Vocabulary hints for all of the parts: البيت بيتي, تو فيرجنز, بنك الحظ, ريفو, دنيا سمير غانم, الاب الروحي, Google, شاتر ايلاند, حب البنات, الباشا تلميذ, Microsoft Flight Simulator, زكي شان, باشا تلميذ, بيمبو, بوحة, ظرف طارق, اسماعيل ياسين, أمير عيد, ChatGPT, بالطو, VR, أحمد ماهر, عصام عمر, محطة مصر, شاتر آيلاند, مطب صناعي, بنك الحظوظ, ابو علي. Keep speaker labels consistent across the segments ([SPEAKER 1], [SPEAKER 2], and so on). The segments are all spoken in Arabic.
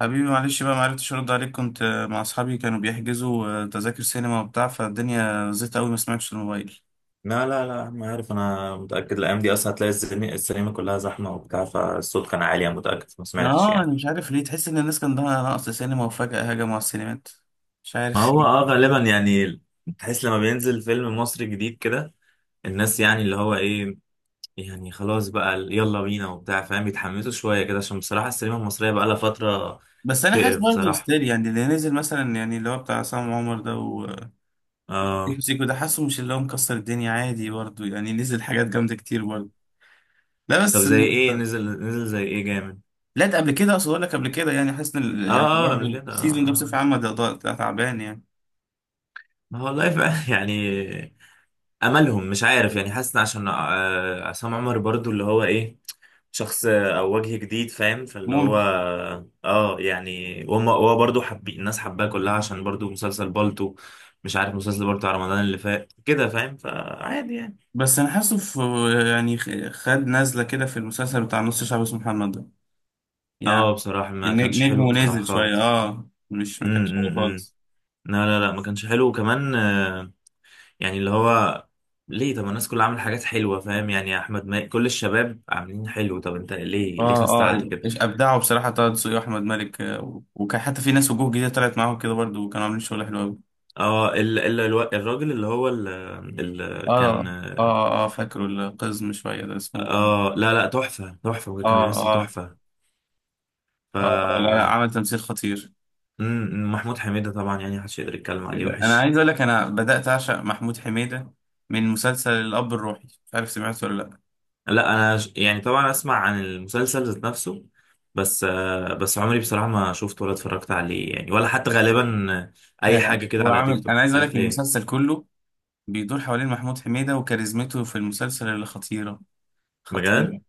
[SPEAKER 1] حبيبي معلش بقى معرفتش ارد عليك، كنت مع اصحابي، كانوا بيحجزوا تذاكر سينما وبتاع، فالدنيا زيت قوي ما سمعتش الموبايل.
[SPEAKER 2] لا، لا، لا، ما عارف. انا متأكد الايام دي اصلا هتلاقي السينما كلها زحمة وبتاع، فالصوت كان عالي. انا متأكد ما سمعتش
[SPEAKER 1] اه انا
[SPEAKER 2] يعني.
[SPEAKER 1] مش عارف ليه، تحس ان الناس كان عندها نقص سينما وفجأة هجموا على السينمات. مش
[SPEAKER 2] ما
[SPEAKER 1] عارف.
[SPEAKER 2] هو اه غالبا يعني. تحس لما بينزل فيلم مصري جديد كده الناس يعني اللي هو ايه، يعني خلاص بقى يلا بينا وبتاع فاهم، بيتحمسوا شوية كده، عشان بصراحة السينما المصرية بقى لها فترة
[SPEAKER 1] بس انا حاسس
[SPEAKER 2] تقرف
[SPEAKER 1] برضه
[SPEAKER 2] بصراحة.
[SPEAKER 1] ستيل، يعني اللي نزل مثلا يعني اللي هو بتاع عصام عمر ده وسيكو.
[SPEAKER 2] اه.
[SPEAKER 1] سيكو ده حاسه مش اللي هو مكسر الدنيا، عادي برضه يعني، نزل حاجات جامدة كتير برضه. لا
[SPEAKER 2] طب
[SPEAKER 1] بس.
[SPEAKER 2] زي ايه نزل، نزل زي ايه جامد؟
[SPEAKER 1] لا، ده قبل كده، اقصد اقول لك قبل كده، يعني حاسس ان
[SPEAKER 2] اه
[SPEAKER 1] يعني
[SPEAKER 2] اه، قبل
[SPEAKER 1] برضه
[SPEAKER 2] كده
[SPEAKER 1] السيزون
[SPEAKER 2] اه
[SPEAKER 1] ده
[SPEAKER 2] اه.
[SPEAKER 1] بصفة عامة ده تعبان يعني.
[SPEAKER 2] ما هو والله فعلا يعني املهم مش عارف. يعني حاسس إن عشان عصام عمر برضو اللي هو ايه، شخص او وجه جديد فاهم، فاللي هو اه يعني وهم هو برضو حبي الناس حباه كلها عشان برضو مسلسل بالطو. مش عارف، مسلسل بالطو على رمضان اللي فات كده فاهم، فعادي يعني.
[SPEAKER 1] بس انا حاسه في، يعني خد نزله كده في المسلسل بتاع نص شعب اسمه محمد ده يعني.
[SPEAKER 2] اه بصراحة ما كانش حلو
[SPEAKER 1] نجمه
[SPEAKER 2] بصراحة
[SPEAKER 1] نازل شويه،
[SPEAKER 2] خالص.
[SPEAKER 1] مش، ما كانش حلو
[SPEAKER 2] امم
[SPEAKER 1] خالص.
[SPEAKER 2] لا، لا، لا، ما كانش حلو، وكمان يعني اللي هو ليه؟ طب الناس كلها عامله حاجات حلوة فاهم يعني، يا احمد ماهر كل الشباب عاملين حلو، طب انت ليه
[SPEAKER 1] اه، اه،
[SPEAKER 2] خستعت كده؟
[SPEAKER 1] إيش ابدعوا بصراحه طه دسوقي واحمد مالك، وكان حتى في ناس وجوه جديده طلعت معاهم كده برضو، وكانوا عاملين شغل حلو قوي.
[SPEAKER 2] اه الراجل اللي هو اللي كان،
[SPEAKER 1] اه، اه، اه، فاكره القزم شويه ده، اسمه؟
[SPEAKER 2] اه لا لا تحفة تحفة،
[SPEAKER 1] اه،
[SPEAKER 2] وكان بيمثل
[SPEAKER 1] اه،
[SPEAKER 2] تحفة.
[SPEAKER 1] اه، لا لا،
[SPEAKER 2] ف
[SPEAKER 1] عمل تمثيل خطير.
[SPEAKER 2] محمود حميدة طبعا يعني محدش يقدر يتكلم عليه
[SPEAKER 1] انا
[SPEAKER 2] وحش.
[SPEAKER 1] عايز اقول لك، انا بدات اعشق محمود حميده من مسلسل الاب الروحي. مش عارف سمعته ولا لا.
[SPEAKER 2] لا انا يعني طبعا اسمع عن المسلسل ذات نفسه، بس عمري بصراحة ما شفته ولا اتفرجت عليه يعني، ولا حتى غالبا
[SPEAKER 1] لا
[SPEAKER 2] اي
[SPEAKER 1] لا،
[SPEAKER 2] حاجة كده
[SPEAKER 1] هو
[SPEAKER 2] على تيك
[SPEAKER 1] عامل،
[SPEAKER 2] توك
[SPEAKER 1] انا
[SPEAKER 2] مش
[SPEAKER 1] عايز اقول
[SPEAKER 2] عارف
[SPEAKER 1] لك،
[SPEAKER 2] ليه.
[SPEAKER 1] المسلسل كله بيدور حوالين محمود حميدة وكاريزمته في المسلسل اللي خطيرة.
[SPEAKER 2] بجد؟
[SPEAKER 1] خطيرة.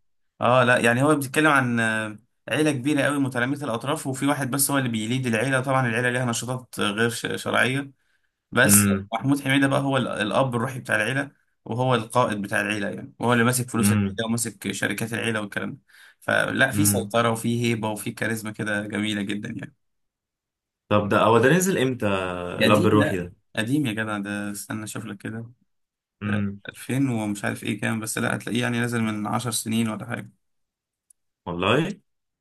[SPEAKER 1] اه لا، يعني هو بيتكلم عن عيلة كبيرة قوي، متلامسة الاطراف، وفي واحد بس هو اللي بيليد العيلة، طبعا العيلة ليها نشاطات غير شرعية. بس
[SPEAKER 2] امم،
[SPEAKER 1] محمود حميدة بقى هو الاب الروحي بتاع العيلة، وهو القائد بتاع العيلة يعني، وهو اللي ماسك فلوس العيلة
[SPEAKER 2] امم،
[SPEAKER 1] وماسك شركات العيلة والكلام ده. فلا، في
[SPEAKER 2] امم.
[SPEAKER 1] سيطرة وفي هيبة وفي كاريزما كده جميلة جدا يعني.
[SPEAKER 2] طب ده هو ده نزل امتى،
[SPEAKER 1] ده
[SPEAKER 2] الاب
[SPEAKER 1] قديم،
[SPEAKER 2] الروحي
[SPEAKER 1] لا.
[SPEAKER 2] ده؟
[SPEAKER 1] قديم يا جدع، ده استنى اشوف لك كده.
[SPEAKER 2] امم
[SPEAKER 1] 2000 ومش عارف ايه كام، بس لا هتلاقيه يعني نازل من 10 سنين ولا حاجة.
[SPEAKER 2] والله؟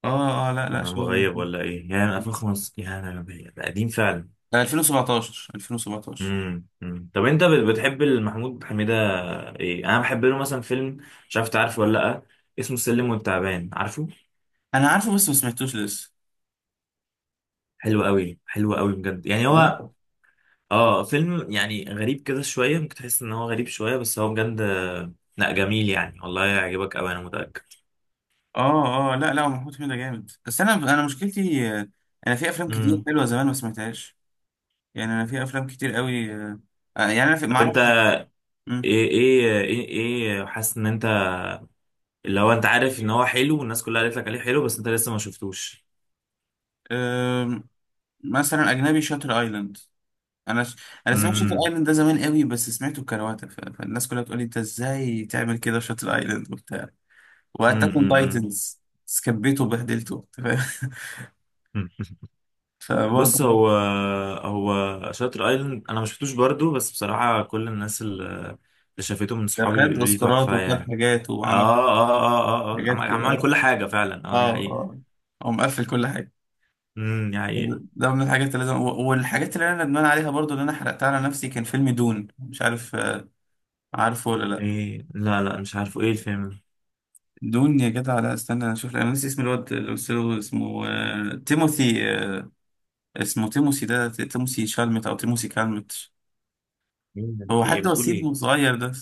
[SPEAKER 1] اه اه، لا لا،
[SPEAKER 2] انا
[SPEAKER 1] شوية مش
[SPEAKER 2] مغيب
[SPEAKER 1] عارف.
[SPEAKER 2] ولا ايه؟ يعني 2005؟ ده قديم فعلا.
[SPEAKER 1] لا، 2017، 2017.
[SPEAKER 2] امم، أمم. طب انت بتحب محمود حميدة؟ ايه، انا بحب له مثلا فيلم، مش عارف تعرفه ولا لا، اسمه السلم والتعبان، عارفه؟
[SPEAKER 1] انا عارفه بس ما سمعتوش لسه.
[SPEAKER 2] حلو قوي حلو قوي بجد يعني
[SPEAKER 1] لا.
[SPEAKER 2] هو اه فيلم يعني غريب كده شويه، ممكن تحس ان هو غريب شويه، بس هو بجد لا جميل يعني، والله يعجبك قوي انا متاكد.
[SPEAKER 1] اه اه، لا لا، هو محمود حميدة جامد، بس انا مشكلتي، انا في افلام كتير
[SPEAKER 2] امم.
[SPEAKER 1] حلوة زمان ما سمعتهاش يعني. انا في افلام كتير قوي، يعني انا في، ما
[SPEAKER 2] طب انت
[SPEAKER 1] اعرفش. مم.
[SPEAKER 2] ايه ايه، حاسس ان انت اللي هو انت عارف ان هو حلو، والناس كلها قالت لك عليه حلو، بس انت لسه ما شفتوش.
[SPEAKER 1] آم، مثلا اجنبي، شاتر ايلاند. انا ش... انا سمعت شاتر
[SPEAKER 2] امم.
[SPEAKER 1] ايلاند ده زمان قوي، بس سمعته بكرواتة، فالناس كلها بتقول لي انت ازاي تعمل كده، شاتر ايلاند وبتاع،
[SPEAKER 2] مم،
[SPEAKER 1] واتاك اون
[SPEAKER 2] مم، مم.
[SPEAKER 1] تايتنز، سكبيته وبهدلته، أنت فاهم.
[SPEAKER 2] مم. بص
[SPEAKER 1] فبرضه،
[SPEAKER 2] هو، شاتر ايلاند انا ما شفتوش برضو، بس بصراحه كل الناس اللي شافته من
[SPEAKER 1] ده
[SPEAKER 2] صحابي
[SPEAKER 1] خد
[SPEAKER 2] بيقولوا لي
[SPEAKER 1] اوسكارات
[SPEAKER 2] تحفه
[SPEAKER 1] وخد
[SPEAKER 2] يعني.
[SPEAKER 1] حاجات،
[SPEAKER 2] اه
[SPEAKER 1] وعمل
[SPEAKER 2] اه اه اه، آه.
[SPEAKER 1] حاجات
[SPEAKER 2] عمل
[SPEAKER 1] كده.
[SPEAKER 2] عمل
[SPEAKER 1] اه،
[SPEAKER 2] كل حاجه فعلا، اه دي
[SPEAKER 1] اه،
[SPEAKER 2] حقيقه.
[SPEAKER 1] اه، هو مقفل كل حاجه.
[SPEAKER 2] امم، دي حقيقه.
[SPEAKER 1] ده من الحاجات اللي لازم، والحاجات اللي انا ندمان عليها برضو اللي انا حرقتها على نفسي، كان فيلم دون. مش عارف، عارفه ولا لا؟
[SPEAKER 2] ايه؟ لا لا مش عارفه، ايه الفيلم ده؟
[SPEAKER 1] دون يا جدع، لا استنى انا اشوف، انا نسي اسم الواد اللي قلت له اسمه، تيموثي، اسمه تيموثي ده، تيموثي شالمت او تيموثي كالمت.
[SPEAKER 2] مين ده؟
[SPEAKER 1] هو
[SPEAKER 2] في ايه؟
[SPEAKER 1] حد
[SPEAKER 2] بتقول ايه؟
[SPEAKER 1] وسيم صغير ده.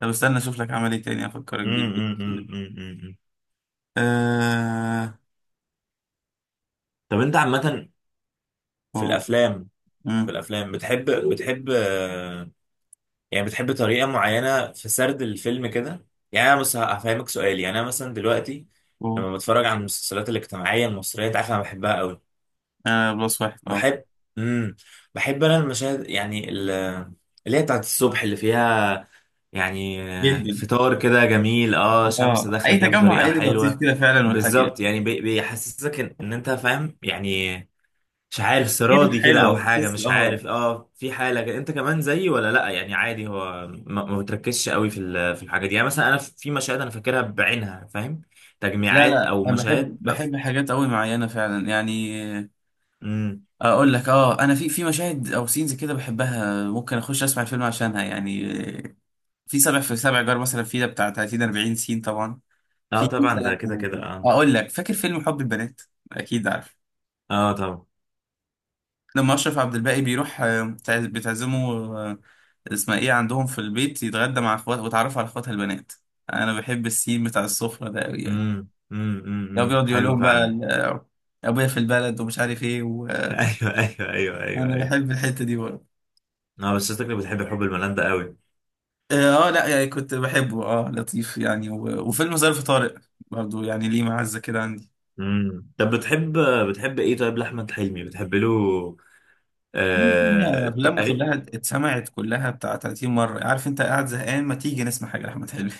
[SPEAKER 1] طب استنى اشوف لك عمل ايه تاني افكرك بيه.
[SPEAKER 2] امم، امم، امم، امم، أمم.
[SPEAKER 1] آه.
[SPEAKER 2] طب انت عامه في
[SPEAKER 1] أوه.
[SPEAKER 2] الافلام، في
[SPEAKER 1] مم.
[SPEAKER 2] الافلام بتحب، يعني بتحب طريقة معينة في سرد الفيلم كده؟ يعني أنا بس هفهمك سؤال. يعني أنا مثلا دلوقتي
[SPEAKER 1] أوه.
[SPEAKER 2] لما بتفرج على المسلسلات الاجتماعية المصرية أنت عارف أنا بحبها قوي.
[SPEAKER 1] آه. بلس واحد. اه،
[SPEAKER 2] بحب، امم، بحب أنا المشاهد يعني اللي هي بتاعت الصبح، اللي فيها يعني
[SPEAKER 1] جدا.
[SPEAKER 2] فطار كده جميل، اه شمس
[SPEAKER 1] اه،
[SPEAKER 2] داخلة
[SPEAKER 1] اي
[SPEAKER 2] كده
[SPEAKER 1] تجمع
[SPEAKER 2] بطريقة
[SPEAKER 1] عائلي لطيف
[SPEAKER 2] حلوة.
[SPEAKER 1] كده فعلا، والحاجة
[SPEAKER 2] بالظبط، يعني بيحسسك إن أنت فاهم يعني، مش عارف
[SPEAKER 1] دي روح
[SPEAKER 2] سرادي كده او
[SPEAKER 1] حلوة،
[SPEAKER 2] حاجه،
[SPEAKER 1] بس
[SPEAKER 2] مش
[SPEAKER 1] اه.
[SPEAKER 2] عارف اه، في حاله كده. انت كمان زيي ولا لا؟ يعني عادي هو ما بتركزش قوي في في الحاجه دي. يعني مثلا انا في مشاهد انا فاكرها بعينها فاهم،
[SPEAKER 1] لا
[SPEAKER 2] تجميعات
[SPEAKER 1] لا،
[SPEAKER 2] او
[SPEAKER 1] انا بحب،
[SPEAKER 2] مشاهد بقى في...
[SPEAKER 1] حاجات قوي معينة فعلا يعني.
[SPEAKER 2] امم.
[SPEAKER 1] اقول لك، انا في مشاهد او سينز كده بحبها، ممكن اخش اسمع الفيلم عشانها يعني. آه، في سبع جار مثلا، في ده بتاع 30 40 سين طبعا.
[SPEAKER 2] اه
[SPEAKER 1] في
[SPEAKER 2] طبعا ده
[SPEAKER 1] مثلا،
[SPEAKER 2] كده كده اه.
[SPEAKER 1] اقول لك، فاكر فيلم حب البنات؟ اكيد عارف.
[SPEAKER 2] اه طبعا.
[SPEAKER 1] لما اشرف عبد الباقي بيروح بتعزمه، اسمها ايه، عندهم في البيت يتغدى مع اخواته وتعرف على اخواتها البنات. انا بحب السين بتاع السفره ده قوي يعني.
[SPEAKER 2] امم، امم،
[SPEAKER 1] لو
[SPEAKER 2] امم،
[SPEAKER 1] بيقعد يقول
[SPEAKER 2] حلو
[SPEAKER 1] لهم بقى
[SPEAKER 2] فعلا.
[SPEAKER 1] ابويا في البلد ومش عارف ايه، وانا
[SPEAKER 2] ايوه، ايوه، ايوه، ايوه، ايوه.
[SPEAKER 1] بحب الحته دي برضه.
[SPEAKER 2] اه بس شكلك بتحب حب الملان ده قوي.
[SPEAKER 1] اه، لا يعني، كنت بحبه، لطيف يعني، وفيلم ظرف طارق برضه يعني، ليه معزه كده عندي.
[SPEAKER 2] امم. طب بتحب، بتحب ايه طيب لاحمد حلمي؟ بتحب له
[SPEAKER 1] الدنيا،
[SPEAKER 2] آه...
[SPEAKER 1] افلامه كلها اتسمعت، كلها بتاع 30 مره. عارف انت قاعد زهقان ما تيجي نسمع حاجه لاحمد حلمي.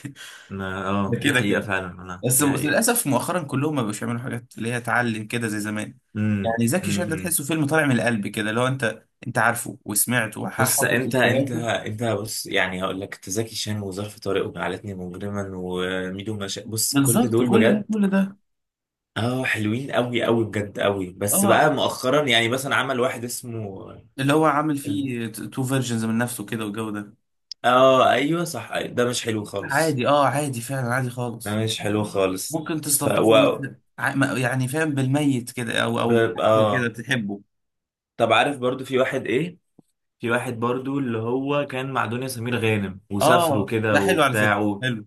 [SPEAKER 2] ما
[SPEAKER 1] ده
[SPEAKER 2] اه دي
[SPEAKER 1] كده
[SPEAKER 2] حقيقة
[SPEAKER 1] كده.
[SPEAKER 2] فعلا انا،
[SPEAKER 1] بس
[SPEAKER 2] دي حقيقة.
[SPEAKER 1] للاسف مؤخرا كلهم ما بقوش يعملوا حاجات اللي هي تعلم كده زي زمان.
[SPEAKER 2] امم،
[SPEAKER 1] يعني زكي شان ده
[SPEAKER 2] امم.
[SPEAKER 1] تحسه فيلم طالع من القلب كده، لو انت، انت عارفه وسمعته
[SPEAKER 2] بص،
[SPEAKER 1] وحافظ
[SPEAKER 2] انت انت
[SPEAKER 1] افيهاته.
[SPEAKER 2] انت بص، يعني هقول لك انت: زكي شان، وظرف طارق، وجعلتني مجرما، وميدو مشا، بص كل
[SPEAKER 1] بالظبط،
[SPEAKER 2] دول
[SPEAKER 1] كل ده
[SPEAKER 2] بجد
[SPEAKER 1] كل ده.
[SPEAKER 2] اه حلوين قوي، قوي بجد قوي. بس
[SPEAKER 1] اه،
[SPEAKER 2] بقى مؤخرا يعني مثلا عمل واحد اسمه
[SPEAKER 1] اللي هو عامل
[SPEAKER 2] ال-
[SPEAKER 1] فيه تو فيرجنز من نفسه كده والجو ده.
[SPEAKER 2] اه، ايوه صح، أيوة. ده مش حلو خالص،
[SPEAKER 1] عادي، عادي فعلا، عادي
[SPEAKER 2] ده
[SPEAKER 1] خالص.
[SPEAKER 2] مش حلو خالص.
[SPEAKER 1] ممكن
[SPEAKER 2] ف و...
[SPEAKER 1] تستلطفه بس. يعني فاهم، بالميت كده
[SPEAKER 2] ب...
[SPEAKER 1] او بحاجة كده
[SPEAKER 2] اه،
[SPEAKER 1] تحبه.
[SPEAKER 2] طب عارف برضو في واحد ايه، في واحد برضو اللي هو كان مع دنيا سمير غانم وسافروا
[SPEAKER 1] اه،
[SPEAKER 2] كده
[SPEAKER 1] ده حلو على فكرة،
[SPEAKER 2] وبتاع؟
[SPEAKER 1] حلو.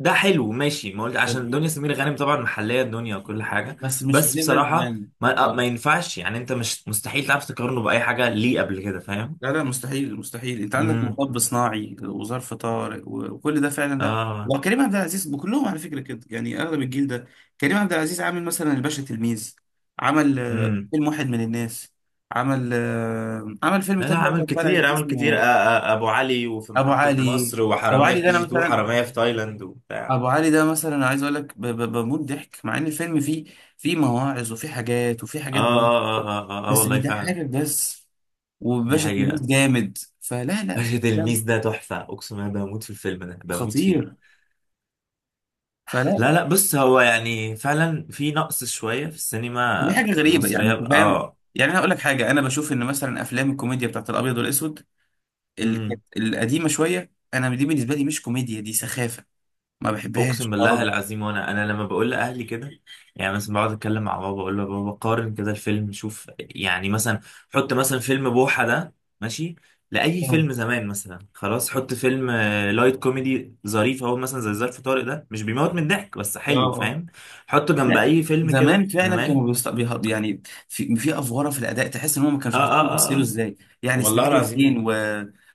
[SPEAKER 2] ده حلو، ماشي، ما قلت
[SPEAKER 1] حلو،
[SPEAKER 2] عشان دنيا سمير غانم طبعا محليه الدنيا وكل حاجه.
[SPEAKER 1] بس مش
[SPEAKER 2] بس
[SPEAKER 1] بليفل
[SPEAKER 2] بصراحه
[SPEAKER 1] يعني.
[SPEAKER 2] ما ينفعش يعني، انت مش مستحيل تعرف تقارنه باي حاجه ليه قبل كده فاهم.
[SPEAKER 1] لا لا، مستحيل مستحيل، انت عندك
[SPEAKER 2] امم.
[SPEAKER 1] مطب صناعي وظرف طارق وكل ده فعلا، لا
[SPEAKER 2] اه.
[SPEAKER 1] وكريم عبد العزيز بكلهم على فكره كده يعني، اغلب الجيل ده. كريم عبد العزيز عامل مثلا الباشا تلميذ، عمل
[SPEAKER 2] امم.
[SPEAKER 1] فيلم واحد من الناس، عمل فيلم
[SPEAKER 2] لا لا
[SPEAKER 1] تاني بقى
[SPEAKER 2] عامل
[SPEAKER 1] كان طالع
[SPEAKER 2] كتير،
[SPEAKER 1] فيه
[SPEAKER 2] عامل كتير، آه
[SPEAKER 1] اسمه
[SPEAKER 2] آه، ابو علي، وفي
[SPEAKER 1] ابو
[SPEAKER 2] محطه
[SPEAKER 1] علي.
[SPEAKER 2] مصر،
[SPEAKER 1] ابو
[SPEAKER 2] وحراميه
[SPEAKER 1] علي
[SPEAKER 2] في
[SPEAKER 1] ده
[SPEAKER 2] كي
[SPEAKER 1] انا
[SPEAKER 2] جي 2،
[SPEAKER 1] مثلا،
[SPEAKER 2] وحراميه في تايلاند وبتاع.
[SPEAKER 1] ابو علي ده مثلا، عايز اقول لك، بموت ضحك، مع ان الفيلم فيه، فيه مواعظ وفيه حاجات وفيه
[SPEAKER 2] اه
[SPEAKER 1] حاجات جامده،
[SPEAKER 2] اه اه اه، آه، آه آه،
[SPEAKER 1] بس
[SPEAKER 2] والله فعلا.
[SPEAKER 1] بيضحكك بس.
[SPEAKER 2] دي
[SPEAKER 1] وباشا
[SPEAKER 2] حقيقه.
[SPEAKER 1] تلميذ جامد فلا، لا
[SPEAKER 2] باشا تلميذ ده تحفه، اقسم بالله بموت في الفيلم ده، بموت فيه.
[SPEAKER 1] خطير، فلا.
[SPEAKER 2] لا لا بص، هو يعني فعلا في نقص شوية في
[SPEAKER 1] دي
[SPEAKER 2] السينما
[SPEAKER 1] حاجه غريبه يعني،
[SPEAKER 2] المصرية
[SPEAKER 1] انت فاهم؟
[SPEAKER 2] اه.
[SPEAKER 1] يعني انا اقول لك حاجه، انا بشوف ان مثلا افلام الكوميديا بتاعت الابيض والاسود كانت
[SPEAKER 2] امم.
[SPEAKER 1] القديمه شويه، انا دي بالنسبه لي مش كوميديا، دي سخافه، ما
[SPEAKER 2] اقسم
[SPEAKER 1] بحبهاش
[SPEAKER 2] بالله
[SPEAKER 1] خالص.
[SPEAKER 2] العظيم، وانا لما بقول لاهلي كده، يعني مثلا بقعد اتكلم مع بابا اقول له: يا بابا قارن كده الفيلم، شوف يعني مثلا، حط مثلا فيلم بوحة ده، ماشي، لاي
[SPEAKER 1] اه،
[SPEAKER 2] فيلم زمان، مثلا خلاص حط فيلم لايت كوميدي ظريف اهو، مثلا زي ظرف طارق ده مش بيموت من الضحك بس
[SPEAKER 1] اه،
[SPEAKER 2] حلو
[SPEAKER 1] آه.
[SPEAKER 2] فاهم، حطه جنب
[SPEAKER 1] لا،
[SPEAKER 2] اي فيلم
[SPEAKER 1] زمان
[SPEAKER 2] كده
[SPEAKER 1] فعلا
[SPEAKER 2] زمان.
[SPEAKER 1] كانوا يعني في افواره، في الاداء تحس ان هم ما
[SPEAKER 2] اه
[SPEAKER 1] كانوش
[SPEAKER 2] اه
[SPEAKER 1] عارفين
[SPEAKER 2] اه
[SPEAKER 1] يمثلوا
[SPEAKER 2] اه،
[SPEAKER 1] ازاي يعني.
[SPEAKER 2] والله
[SPEAKER 1] اسماعيل ياسين
[SPEAKER 2] العظيم.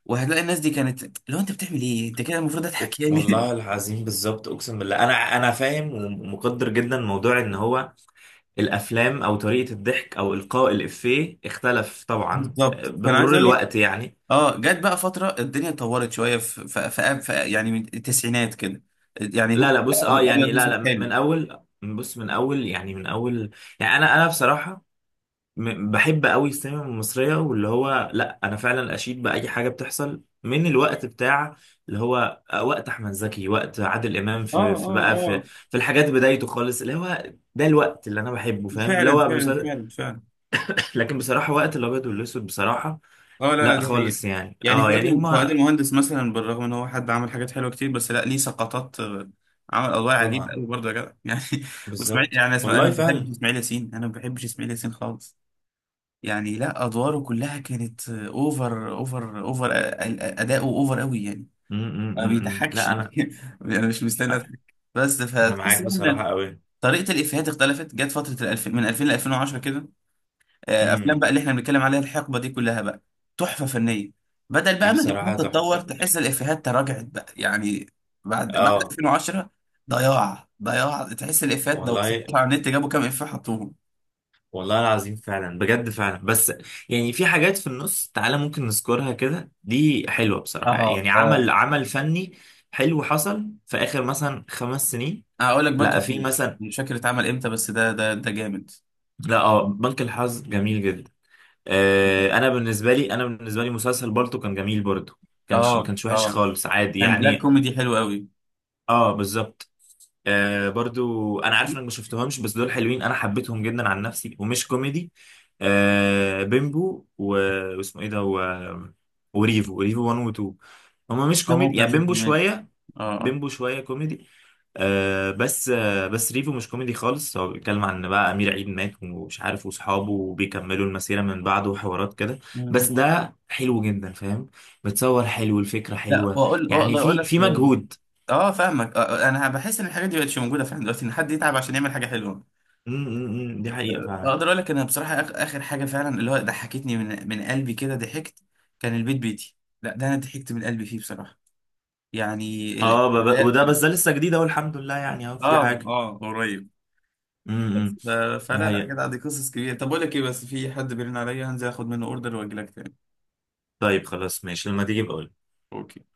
[SPEAKER 1] وهتلاقي الناس دي كانت، لو انت بتعمل ايه انت كده المفروض اضحك يعني.
[SPEAKER 2] والله العظيم بالظبط، اقسم بالله انا فاهم ومقدر جدا موضوع ان هو الافلام او طريقه الضحك او القاء الافيه اختلف طبعا
[SPEAKER 1] بالظبط، فانا عايز
[SPEAKER 2] بمرور
[SPEAKER 1] اقول لك،
[SPEAKER 2] الوقت يعني.
[SPEAKER 1] اه جت بقى فترة الدنيا اتطورت شوية في يعني، من التسعينات كده. يعني
[SPEAKER 2] لا
[SPEAKER 1] ممكن
[SPEAKER 2] لا بص اه يعني،
[SPEAKER 1] أبيض
[SPEAKER 2] لا
[SPEAKER 1] وأسود
[SPEAKER 2] لا
[SPEAKER 1] حالي.
[SPEAKER 2] من اول، بص من اول يعني، من اول، يعني انا بصراحه بحب قوي السينما المصرية، واللي هو لا أنا فعلا أشيد بأي حاجة بتحصل من الوقت بتاع اللي هو وقت أحمد زكي، وقت عادل إمام
[SPEAKER 1] اه،
[SPEAKER 2] في في
[SPEAKER 1] اه،
[SPEAKER 2] بقى في
[SPEAKER 1] اه،
[SPEAKER 2] في الحاجات بدايته خالص، اللي هو ده الوقت اللي أنا بحبه فاهم، اللي
[SPEAKER 1] فعلا
[SPEAKER 2] هو
[SPEAKER 1] فعلا
[SPEAKER 2] مسل...
[SPEAKER 1] فعلا فعلا.
[SPEAKER 2] لكن بصراحة وقت الأبيض والأسود بصراحة
[SPEAKER 1] اه لا لا،
[SPEAKER 2] لا
[SPEAKER 1] دي حقيقة.
[SPEAKER 2] خالص، يعني
[SPEAKER 1] يعني
[SPEAKER 2] أه يعني
[SPEAKER 1] فؤاد
[SPEAKER 2] هما.
[SPEAKER 1] المهندس مثلا، بالرغم ان هو حد عمل حاجات حلوة كتير، بس لا، ليه سقطات، عمل أدوار عجيبة
[SPEAKER 2] طبعا،
[SPEAKER 1] قوي برضه يا جدع. يعني واسماعيل،
[SPEAKER 2] بالظبط
[SPEAKER 1] يعني اسمع، انا
[SPEAKER 2] والله
[SPEAKER 1] ما بحبش
[SPEAKER 2] فعلا.
[SPEAKER 1] اسماعيل ياسين، انا ما بحبش اسماعيل ياسين خالص يعني. لا، ادواره كلها كانت اوفر اوفر اوفر، اداؤه اوفر قوي يعني،
[SPEAKER 2] م، م،
[SPEAKER 1] ما
[SPEAKER 2] م. م.
[SPEAKER 1] بيضحكش
[SPEAKER 2] لا أنا،
[SPEAKER 1] يعني. انا مش مستني اضحك. بس
[SPEAKER 2] أنا
[SPEAKER 1] فتحس
[SPEAKER 2] معاك
[SPEAKER 1] بقى
[SPEAKER 2] بصراحة
[SPEAKER 1] ان
[SPEAKER 2] قوي.
[SPEAKER 1] طريقه الافيهات اختلفت. جت فتره من 2000 ل 2010 كده، افلام
[SPEAKER 2] م.
[SPEAKER 1] بقى اللي احنا بنتكلم عليها، الحقبه دي كلها بقى تحفه فنيه. بدل
[SPEAKER 2] دي
[SPEAKER 1] بقى ما الافيهات
[SPEAKER 2] بصراحة
[SPEAKER 1] تتطور،
[SPEAKER 2] تحفة
[SPEAKER 1] تحس
[SPEAKER 2] يعني.
[SPEAKER 1] الافيهات تراجعت بقى يعني. بعد
[SPEAKER 2] أه،
[SPEAKER 1] 2010 ضياع ضياع، تحس الافيهات ده
[SPEAKER 2] والله.
[SPEAKER 1] على النت جابوا كام افيه حطوهم.
[SPEAKER 2] والله العظيم فعلا، بجد فعلا. بس يعني في حاجات في النص تعالى ممكن نذكرها كده دي حلوة بصراحة،
[SPEAKER 1] اه،
[SPEAKER 2] يعني عمل
[SPEAKER 1] اه،
[SPEAKER 2] عمل فني حلو حصل في آخر مثلا 5 سنين.
[SPEAKER 1] هقول لك، بنك
[SPEAKER 2] لا في
[SPEAKER 1] الحظوظ،
[SPEAKER 2] مثلا،
[SPEAKER 1] مش فاكر اتعمل امتى، بس ده جامد.
[SPEAKER 2] لا اه، بنك الحظ جميل جدا.
[SPEAKER 1] دي
[SPEAKER 2] آه، انا
[SPEAKER 1] حقيقة.
[SPEAKER 2] بالنسبة لي انا بالنسبة لي مسلسل بالطو كان جميل برضه. ما
[SPEAKER 1] اه،
[SPEAKER 2] كانش وحش
[SPEAKER 1] اه،
[SPEAKER 2] خالص، عادي
[SPEAKER 1] كان بلاك
[SPEAKER 2] يعني.
[SPEAKER 1] كوميدي حلو قوي.
[SPEAKER 2] اه بالظبط. آه برضو انا عارف انك ما شفتهمش، بس دول حلوين انا حبيتهم جدا عن نفسي ومش كوميدي: آه بيمبو و... واسمه ايه ده و... وريفو، ريفو 1 و 2. هما مش
[SPEAKER 1] لا،
[SPEAKER 2] كوميدي
[SPEAKER 1] ممكن
[SPEAKER 2] يعني،
[SPEAKER 1] اشوف،
[SPEAKER 2] بيمبو
[SPEAKER 1] ماشي.
[SPEAKER 2] شويه،
[SPEAKER 1] اه، اه،
[SPEAKER 2] بيمبو شويه كوميدي. آه بس ريفو مش كوميدي خالص، هو بيتكلم عن إن بقى امير عيد مات ومش عارف، واصحابه وبيكملوا المسيره من بعده وحوارات كده، بس
[SPEAKER 1] مم.
[SPEAKER 2] ده حلو جدا فاهم. بتصور حلو، الفكره
[SPEAKER 1] لا،
[SPEAKER 2] حلوه،
[SPEAKER 1] واقول،
[SPEAKER 2] يعني
[SPEAKER 1] اقدر اقول
[SPEAKER 2] في
[SPEAKER 1] لك،
[SPEAKER 2] مجهود.
[SPEAKER 1] اه فاهمك، انا بحس ان الحاجات دي مبقتش موجوده فعلا دلوقتي، ان حد يتعب عشان يعمل حاجه حلوه.
[SPEAKER 2] م، م، م، دي حقيقه فعلا.
[SPEAKER 1] اقدر اقول لك، انا بصراحه اخر حاجه فعلا اللي هو ضحكتني من قلبي كده، ضحكت، كان البيت بيتي. لا، ده انا ضحكت من قلبي فيه بصراحه يعني.
[SPEAKER 2] اه
[SPEAKER 1] لا،
[SPEAKER 2] وده بس ده لسه جديد اهو، الحمد لله يعني اهو في
[SPEAKER 1] اه،
[SPEAKER 2] حاجه.
[SPEAKER 1] اه، قريب.
[SPEAKER 2] امم،
[SPEAKER 1] بس
[SPEAKER 2] دي
[SPEAKER 1] فلا لا
[SPEAKER 2] حقيقة.
[SPEAKER 1] كده، دي قصص كبيره. طب اقول لك ايه، بس في حد بيرن عليا، هنزل اخد منه اوردر واجي لك تاني.
[SPEAKER 2] طيب خلاص ماشي، لما تيجي بقول.
[SPEAKER 1] اوكي.